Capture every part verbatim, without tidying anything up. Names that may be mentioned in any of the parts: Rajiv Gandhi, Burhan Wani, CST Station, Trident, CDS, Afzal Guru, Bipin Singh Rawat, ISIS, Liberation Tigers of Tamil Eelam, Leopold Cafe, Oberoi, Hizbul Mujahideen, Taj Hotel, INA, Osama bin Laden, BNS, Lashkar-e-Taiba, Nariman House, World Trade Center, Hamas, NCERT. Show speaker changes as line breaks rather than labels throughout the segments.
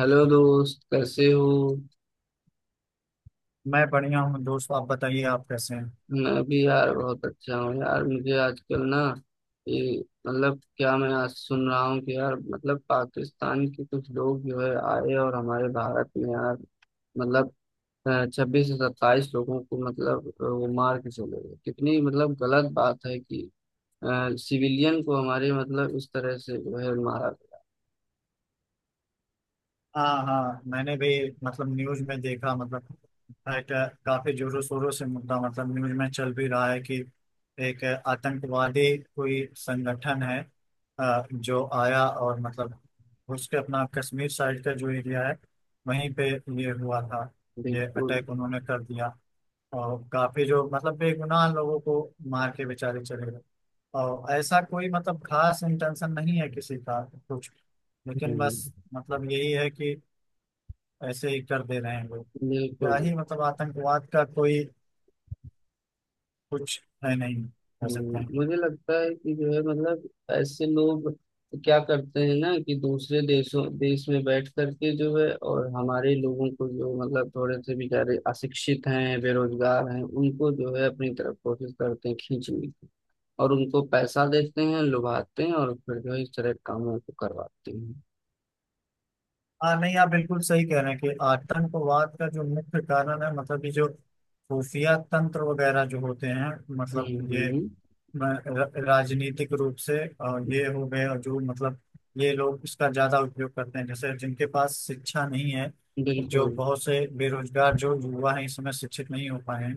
Hello दोस्त, कैसे हो?
मैं बढ़िया हूँ दोस्त। आप बताइए, आप कैसे हैं?
मैं भी यार बहुत अच्छा हूँ यार। मुझे आजकल ना, ये मतलब, क्या मैं आज सुन रहा हूँ कि यार मतलब पाकिस्तान के कुछ लोग जो है आए और हमारे भारत में यार मतलब छब्बीस से सत्ताईस लोगों को मतलब अ, वो मार के चले गए। कितनी मतलब गलत बात है कि सिविलियन को हमारे मतलब इस तरह से जो है मारा गया।
हाँ हाँ, मैंने भी मतलब न्यूज में देखा। मतलब एक, काफी जोरों शोरों से मुद्दा मतलब न्यूज में चल भी रहा है कि एक आतंकवादी कोई संगठन है, अ, जो आया, और मतलब उसके अपना कश्मीर साइड का जो एरिया है वहीं पे ये हुआ था, ये
बिल्कुल।
अटैक उन्होंने कर दिया। और काफी जो मतलब बेगुनाह लोगों को मार के बेचारे चले गए। और ऐसा कोई मतलब खास इंटेंशन नहीं है किसी का कुछ, लेकिन बस
हम्म।
मतलब यही है कि ऐसे ही कर दे रहे हैं लोग। क्या
बिल्कुल।
ही मतलब आतंकवाद का कोई कुछ है नहीं, कह सकते
हम्म,
हैं।
मुझे लगता है कि जो है मतलब ऐसे लोग क्या करते हैं ना, कि दूसरे देशों देश में बैठ करके जो है और हमारे लोगों को जो मतलब थोड़े से बेचारे अशिक्षित हैं, बेरोजगार हैं, उनको जो है अपनी तरफ कोशिश करते हैं खींचने की। और उनको पैसा देते हैं, लुभाते हैं, और फिर जो है इस तरह के कामों को करवाते हैं।
हाँ नहीं, आप बिल्कुल सही कह रहे हैं कि आतंकवाद का जो मुख्य कारण है मतलब ये जो खुफिया तंत्र वगैरह जो होते हैं,
हम्म
मतलब ये
हम्म।
र- राजनीतिक रूप से और ये हो गए, और जो मतलब ये लोग इसका ज्यादा उपयोग करते हैं, जैसे जिनके पास शिक्षा नहीं है, जो
बिल्कुल।
बहुत से बेरोजगार जो युवा हैं इस समय शिक्षित नहीं हो पाए हैं,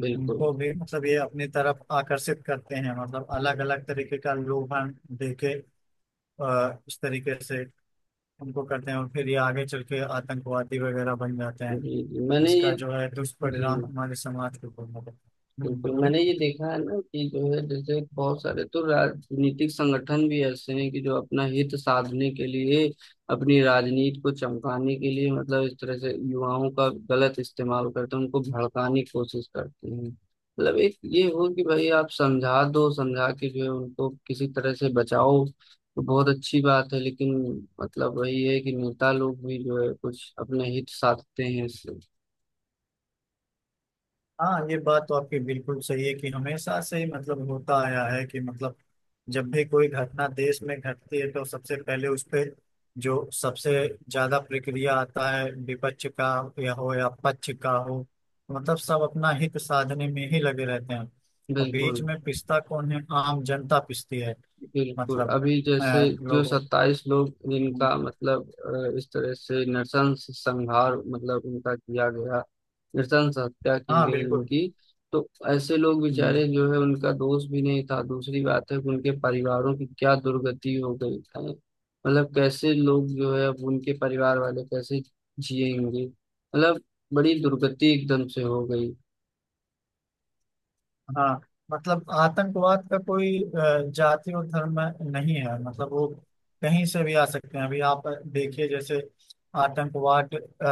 बिल्कुल।
उनको भी मतलब ये अपनी तरफ आकर्षित करते हैं, मतलब अलग अलग तरीके का लोभन दे के, अ, इस तरीके से उनको करते हैं और फिर ये आगे चल के आतंकवादी वगैरह बन जाते हैं।
जी जी। मैंने ये
इसका जो है
जी।
दुष्परिणाम हमारे समाज के ऊपर होगा। हम्म,
बिल्कुल, मैंने ये
बोलिए।
देखा है ना कि जो है जैसे बहुत सारे तो राजनीतिक संगठन भी ऐसे हैं कि जो अपना हित साधने के लिए, अपनी राजनीति को चमकाने के लिए मतलब इस तरह से युवाओं का गलत इस्तेमाल करते हैं, उनको भड़काने की कोशिश करते हैं। मतलब एक ये हो कि भाई आप समझा दो, समझा के जो है उनको किसी तरह से बचाओ तो बहुत अच्छी बात है, लेकिन मतलब वही है कि नेता लोग भी जो है कुछ अपने हित साधते हैं इससे।
हाँ, ये बात तो आपकी बिल्कुल सही है कि हमेशा से ही मतलब होता आया है कि मतलब जब भी कोई घटना देश में घटती है तो सबसे पहले उस पे जो सबसे ज्यादा प्रक्रिया आता है विपक्ष का या हो या पक्ष का हो, मतलब सब अपना हित साधने में ही लगे रहते हैं, और बीच
बिल्कुल।
में पिसता कौन है? आम जनता पिसती है।
बिल्कुल,
मतलब
अभी जैसे
अ,
जो
लोगों
सत्ताईस लोग
को।
जिनका मतलब अ, इस तरह से नृशंस संहार मतलब उनका किया गया, नृशंस हत्या की
हाँ
गई
बिल्कुल।
उनकी। तो ऐसे लोग बेचारे जो है उनका दोष भी नहीं था। दूसरी बात है कि उनके परिवारों की क्या दुर्गति हो गई है मतलब कैसे लोग जो है अब उनके परिवार वाले कैसे जिएंगे मतलब। बड़ी दुर्गति एकदम से हो गई।
हाँ मतलब आतंकवाद का कोई अ, जाति और धर्म नहीं है, मतलब वो कहीं से भी आ सकते हैं। अभी आप देखिए जैसे आतंकवाद अ,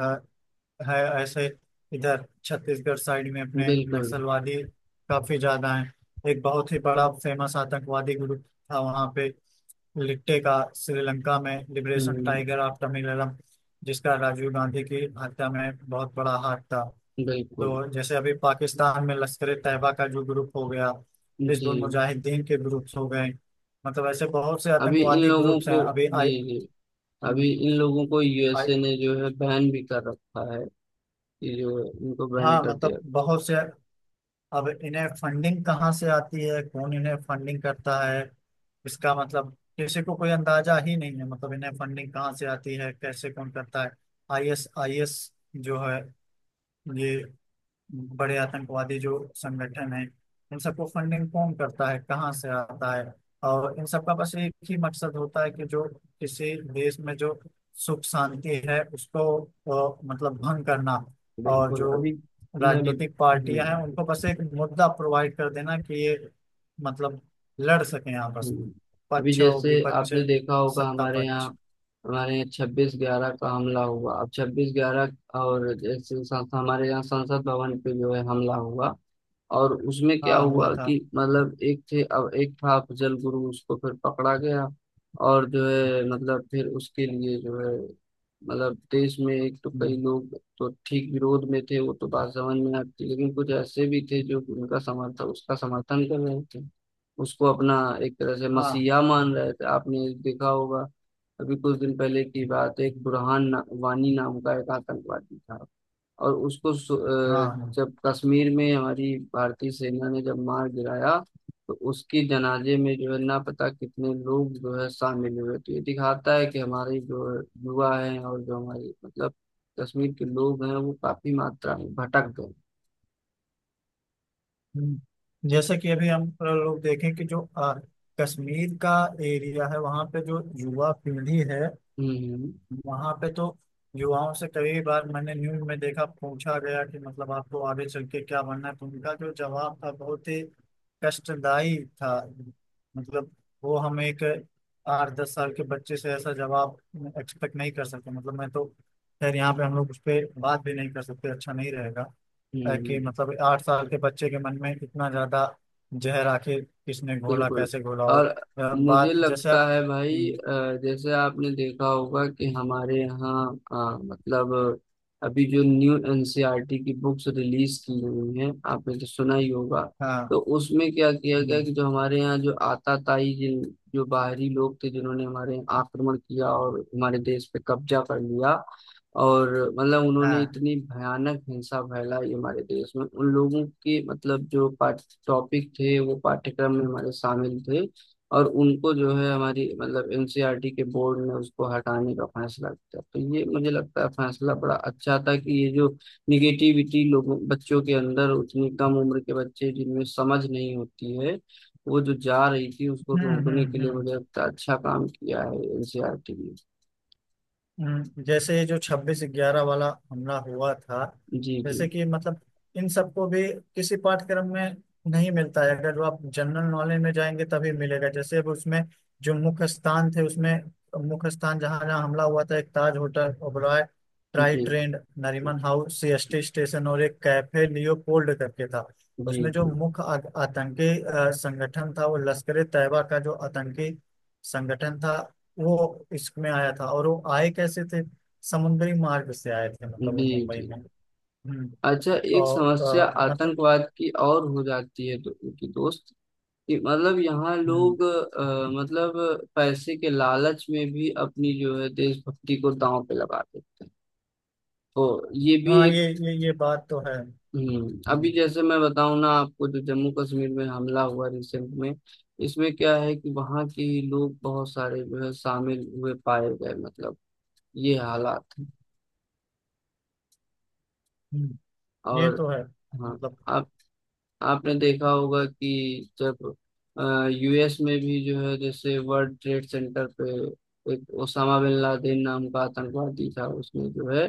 अ, है ऐसे। इधर छत्तीसगढ़ साइड में अपने
बिल्कुल।
नक्सलवादी काफी ज्यादा हैं। एक बहुत ही बड़ा फेमस आतंकवादी ग्रुप था वहाँ पे, लिट्टे का, श्रीलंका में liberation
hmm.
Tiger of Tamilam, जिसका राजीव गांधी की हत्या में बहुत बड़ा हाथ था।
बिल्कुल।
तो जैसे अभी पाकिस्तान में लश्कर ए तैयबा का जो ग्रुप हो गया,
जी।
हिजबुल मुजाहिदीन के ग्रुप्स हो गए, मतलब ऐसे बहुत से
अभी इन
आतंकवादी
लोगों
ग्रुप्स हैं।
को
अभी
जी
आई,
जी, अभी इन लोगों को
आई,
यूएसए ने जो है बैन भी कर रखा है। ये जो है इनको बैन
हाँ
कर दिया।
मतलब बहुत से। अब इन्हें फंडिंग कहाँ से आती है? कौन इन्हें फंडिंग करता है? इसका मतलब किसी को कोई अंदाजा ही नहीं है, मतलब इन्हें फंडिंग कहाँ से आती है, कैसे, कौन करता है। आई एस आई एस जो है, ये बड़े आतंकवादी जो संगठन है, इन सबको फंडिंग कौन करता है, कहाँ से आता है? और इन सबका बस एक ही मकसद होता है कि जो किसी देश में जो सुख शांति है उसको अ, मतलब भंग करना, और
बिल्कुल।
जो
अभी मैं बत...
राजनीतिक पार्टियां हैं
हम्म
उनको बस एक मुद्दा प्रोवाइड कर देना कि ये मतलब लड़ सकें आपस में,
हम्म। अभी
पक्ष और
जैसे
विपक्ष,
आपने देखा होगा
सत्ता
हमारे यहाँ,
पक्ष।
हमारे यहाँ छब्बीस ग्यारह का हमला हुआ। अब छब्बीस ग्यारह और जैसे संस- हमारे यहाँ संसद भवन पे जो है हमला हुआ। और उसमें क्या
हाँ हुआ
हुआ
था।
कि मतलब एक थे अब एक था अफजल गुरु, उसको फिर पकड़ा गया। और जो है मतलब फिर उसके लिए जो है मतलब देश में एक तो कई
हम्म,
लोग तो ठीक विरोध में थे, वो तो बात समझ में आती, लेकिन कुछ ऐसे भी थे जो उनका समर्थन उसका समर्थन कर रहे थे। उसको अपना एक तरह से
हाँ
मसीहा मान रहे थे, आपने देखा होगा। अभी कुछ दिन पहले की बात है, एक बुरहान ना, वानी नाम का एक आतंकवादी था। और उसको सु-
हाँ
अ,
हाँ।
जब कश्मीर में हमारी भारतीय सेना ने जब मार गिराया, तो उसके जनाजे में जो है ना पता कितने लोग जो है शामिल हुए। तो ये दिखाता है कि हमारे जो युवा हैं, और जो हमारे मतलब कश्मीर के लोग हैं वो काफी मात्रा में भटक गए।
हम्म। जैसे कि अभी हम अ, लोग देखें कि जो अ, कश्मीर का एरिया है वहाँ पे जो युवा पीढ़ी है
हम्म हम्म
वहाँ पे, तो युवाओं से कई बार मैंने न्यूज में देखा, पूछा गया कि मतलब आपको आगे चल के क्या बनना है, तो उनका जो जवाब था बहुत ही कष्टदायी था। मतलब वो, हम एक आठ दस साल के बच्चे से ऐसा जवाब एक्सपेक्ट नहीं कर सकते। मतलब मैं तो खैर, यहाँ पे हम लोग उस पर बात भी नहीं कर सकते, अच्छा नहीं रहेगा, है कि
हम्म।
मतलब आठ साल के बच्चे के मन में इतना ज्यादा जहर आखिर किसने घोला,
बिल्कुल।
कैसे घोला? और
और
अ,
मुझे
बात जैसे
लगता
आप।
है भाई
हम्म,
अ, जैसे आपने देखा होगा कि हमारे यहाँ अ, मतलब अभी जो न्यू एनसीईआरटी की बुक्स रिलीज की हुई हैं आपने तो सुना ही होगा। तो
हाँ।
उसमें क्या किया गया
हम्म,
कि जो हमारे यहाँ जो आताताई जिन जो बाहरी लोग थे जिन्होंने हमारे यहाँ आक्रमण किया और हमारे देश पे कब्जा कर लिया, और मतलब उन्होंने
हाँ।
इतनी भयानक हिंसा फैलाई हमारे देश में। उन लोगों की मतलब जो टॉपिक थे वो पाठ्यक्रम में हमारे शामिल थे, और उनको जो है हमारी मतलब एनसीईआरटी के बोर्ड ने उसको हटाने का फैसला किया। तो ये मुझे लगता है फैसला बड़ा अच्छा था, कि ये जो निगेटिविटी लोगों, बच्चों के अंदर, उतनी कम उम्र के बच्चे जिनमें समझ नहीं होती है, वो जो जा रही थी उसको
हम्म
रोकने के
हम्म
लिए
हम्म
मुझे लगता है अच्छा काम किया है एनसीईआरटी ने।
हम्म, जैसे जो छब्बीस ग्यारह वाला हमला हुआ था,
जी जी।
जैसे कि मतलब इन सबको भी किसी पाठ्यक्रम में नहीं मिलता है, अगर वो आप जनरल नॉलेज में जाएंगे तभी मिलेगा। जैसे अब उसमें जो मुख्य स्थान थे उसमें, मुख्य स्थान जहाँ जहाँ हमला हुआ था, एक ताज होटल, ओबरॉय ट्राई
जी
trend, Nariman house, C S T station और एक कैफे लियोपोल्ड करके था।
जी।
उसमें जो
जी
मुख्य आ- आतंकी अ, संगठन था, वो लश्कर ए तैयबा का जो आतंकी संगठन था, वो इसमें आया था। और वो आए कैसे थे? समुद्री मार्ग से आए थे, मतलब वो
जी
मुंबई
जी।
में। हम्म।
अच्छा, एक
और
समस्या
अ, मतलब
आतंकवाद की और हो जाती है तो, उनकी दोस्त ये मतलब यहाँ
हम्म।
लोग अ, मतलब पैसे के लालच में भी अपनी जो है देशभक्ति को दांव पे लगा देते हैं। तो ये भी
हाँ ये
एक
ये ये बात तो है।
हम्म, अभी
हम्म
जैसे मैं बताऊं ना आपको, जो जम्मू कश्मीर में हमला हुआ रिसेंट में, इसमें क्या है कि वहाँ के ही लोग बहुत सारे जो है शामिल हुए पाए गए मतलब, ये हालात हैं।
हम्म, ये
और
तो है मतलब।
हाँ, आपने देखा होगा कि जब यूएस में भी जो है, जैसे वर्ल्ड ट्रेड सेंटर पे, एक ओसामा बिन लादेन नाम का आतंकवादी था, उसने जो है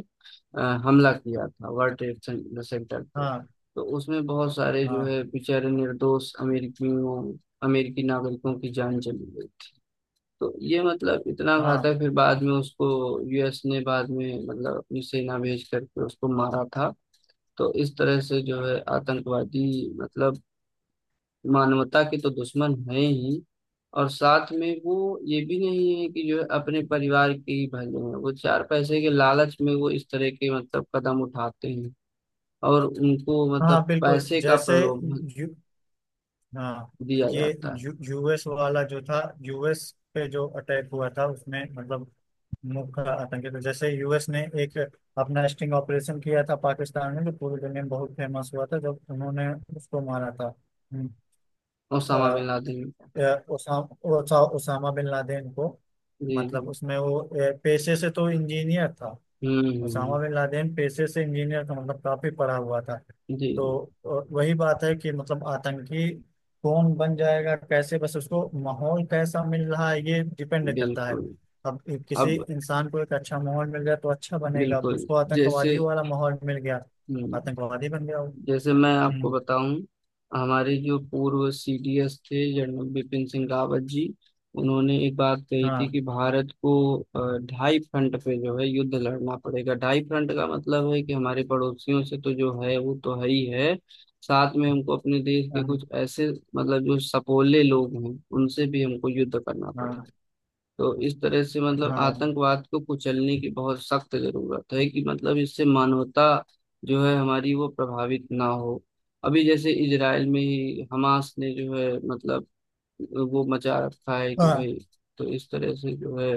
अ, हमला किया था वर्ल्ड ट्रेड सें- सेंटर पे।
हाँ
तो उसमें बहुत सारे जो
हाँ
है बेचारे निर्दोष अमेरिकियों अमेरिकी नागरिकों की जान चली गई। तो ये मतलब इतना
हाँ
घातक। फिर बाद में उसको यूएस ने बाद में मतलब अपनी सेना भेज करके उसको मारा था। तो इस तरह से जो है आतंकवादी मतलब मानवता के तो दुश्मन है ही, और साथ में वो ये भी नहीं है कि जो है अपने परिवार के ही भले हैं, वो चार पैसे के लालच में वो इस तरह के मतलब कदम उठाते हैं, और उनको मतलब
हाँ बिल्कुल,
पैसे का
जैसे
प्रलोभन
यू हाँ
दिया
ये
जाता है।
यू, यूएस वाला जो था, यू एस पे जो अटैक हुआ था उसमें मतलब मुल्क का आतंकित, जैसे यू एस ने एक अपना स्टिंग ऑपरेशन किया था पाकिस्तान में, जो पूरी दुनिया में बहुत फेमस हुआ था जब उन्होंने उसको मारा था। हम्म, अ,
ओसामा बिन लादेन का।
अ, उसा, उसा, उसामा बिन लादेन को।
जी
मतलब
जी।
उसमें वो अ, पेशे से तो इंजीनियर था,
हम्म
ओसामा
हम्म।
बिन लादेन पेशे से इंजीनियर था, मतलब काफी पढ़ा हुआ था।
जी
तो
जी।
अ, वही बात है कि मतलब आतंकी कौन बन जाएगा कैसे, बस उसको माहौल कैसा मिल रहा है, ये डिपेंड करता है।
बिल्कुल।
अब एक- किसी
अब
इंसान को एक अच्छा माहौल मिल गया तो अच्छा बनेगा,
बिल्कुल।
उसको
जैसे
आतंकवादी वाला माहौल मिल गया,
हम्म
आतंकवादी बन गया वो।
जैसे मैं आपको
हम्म,
बताऊं, हमारे जो पूर्व सीडीएस थे जनरल बिपिन सिंह रावत जी, उन्होंने एक बात कही थी कि
हाँ।
भारत को अ, ढाई फ्रंट पे जो है युद्ध लड़ना पड़ेगा। ढाई फ्रंट का मतलब है कि हमारे पड़ोसियों से तो जो है वो तो है ही है, साथ में हमको अपने देश के
हम,
कुछ ऐसे मतलब जो सपोले लोग हैं उनसे भी हमको युद्ध करना
हाँ
पड़ेगा। तो इस तरह से मतलब
हाँ
आतंकवाद को कुचलने की बहुत सख्त जरूरत है, कि मतलब इससे मानवता जो है हमारी वो प्रभावित ना हो। अभी जैसे इजराइल में ही हमास ने जो है मतलब वो मचा रखा है कि
हाँ।
भाई। तो इस तरह से जो है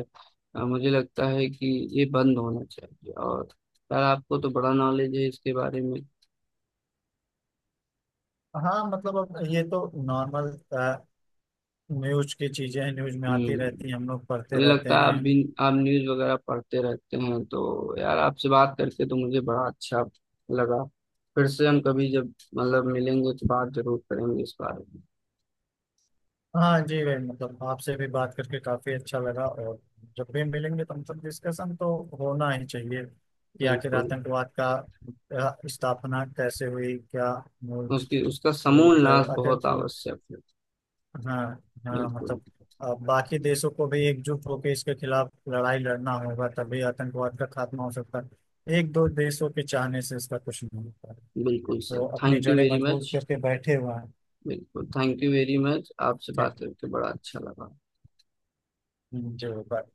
अ, मुझे लगता है कि ये बंद होना चाहिए। और यार, आपको तो बड़ा नॉलेज है इसके बारे में।
हाँ मतलब अब ये तो नॉर्मल न्यूज की चीजें हैं, न्यूज में आती
हम्म,
रहती हैं, हम लोग पढ़ते
मुझे
रहते
लगता है आप
हैं।
भी, आप न्यूज़ वगैरह पढ़ते रहते हैं, तो यार आपसे बात करके तो मुझे बड़ा अच्छा लगा। फिर से हम कभी जब मतलब मिलेंगे तो बात जरूर करेंगे इस बारे में।
हाँ जी भाई, मतलब आपसे भी बात करके काफी अच्छा लगा, और जब भी मिलेंगे तो मतलब डिस्कशन तो होना ही चाहिए कि आखिर
बिल्कुल।
आतंकवाद का अ, स्थापना कैसे हुई, क्या मूल
उसकी उसका समूल
रूप है
नाश
आखिर।
बहुत आवश्यक है।
हाँ हाँ
बिल्कुल।
मतलब अ, बाकी देशों को भी एकजुट होकर इसके खिलाफ लड़ाई लड़ना होगा, तभी आतंकवाद का खात्मा हो सकता है, एक दो देशों के चाहने से इसका कुछ नहीं होता।
बिल्कुल सर,
तो अपनी
थैंक यू
जड़ें
वेरी
मजबूत
मच।
करके बैठे हुए हैं।
बिल्कुल, थैंक यू वेरी मच, आपसे बात
ठीक
करके बड़ा अच्छा लगा।
जी, बाय।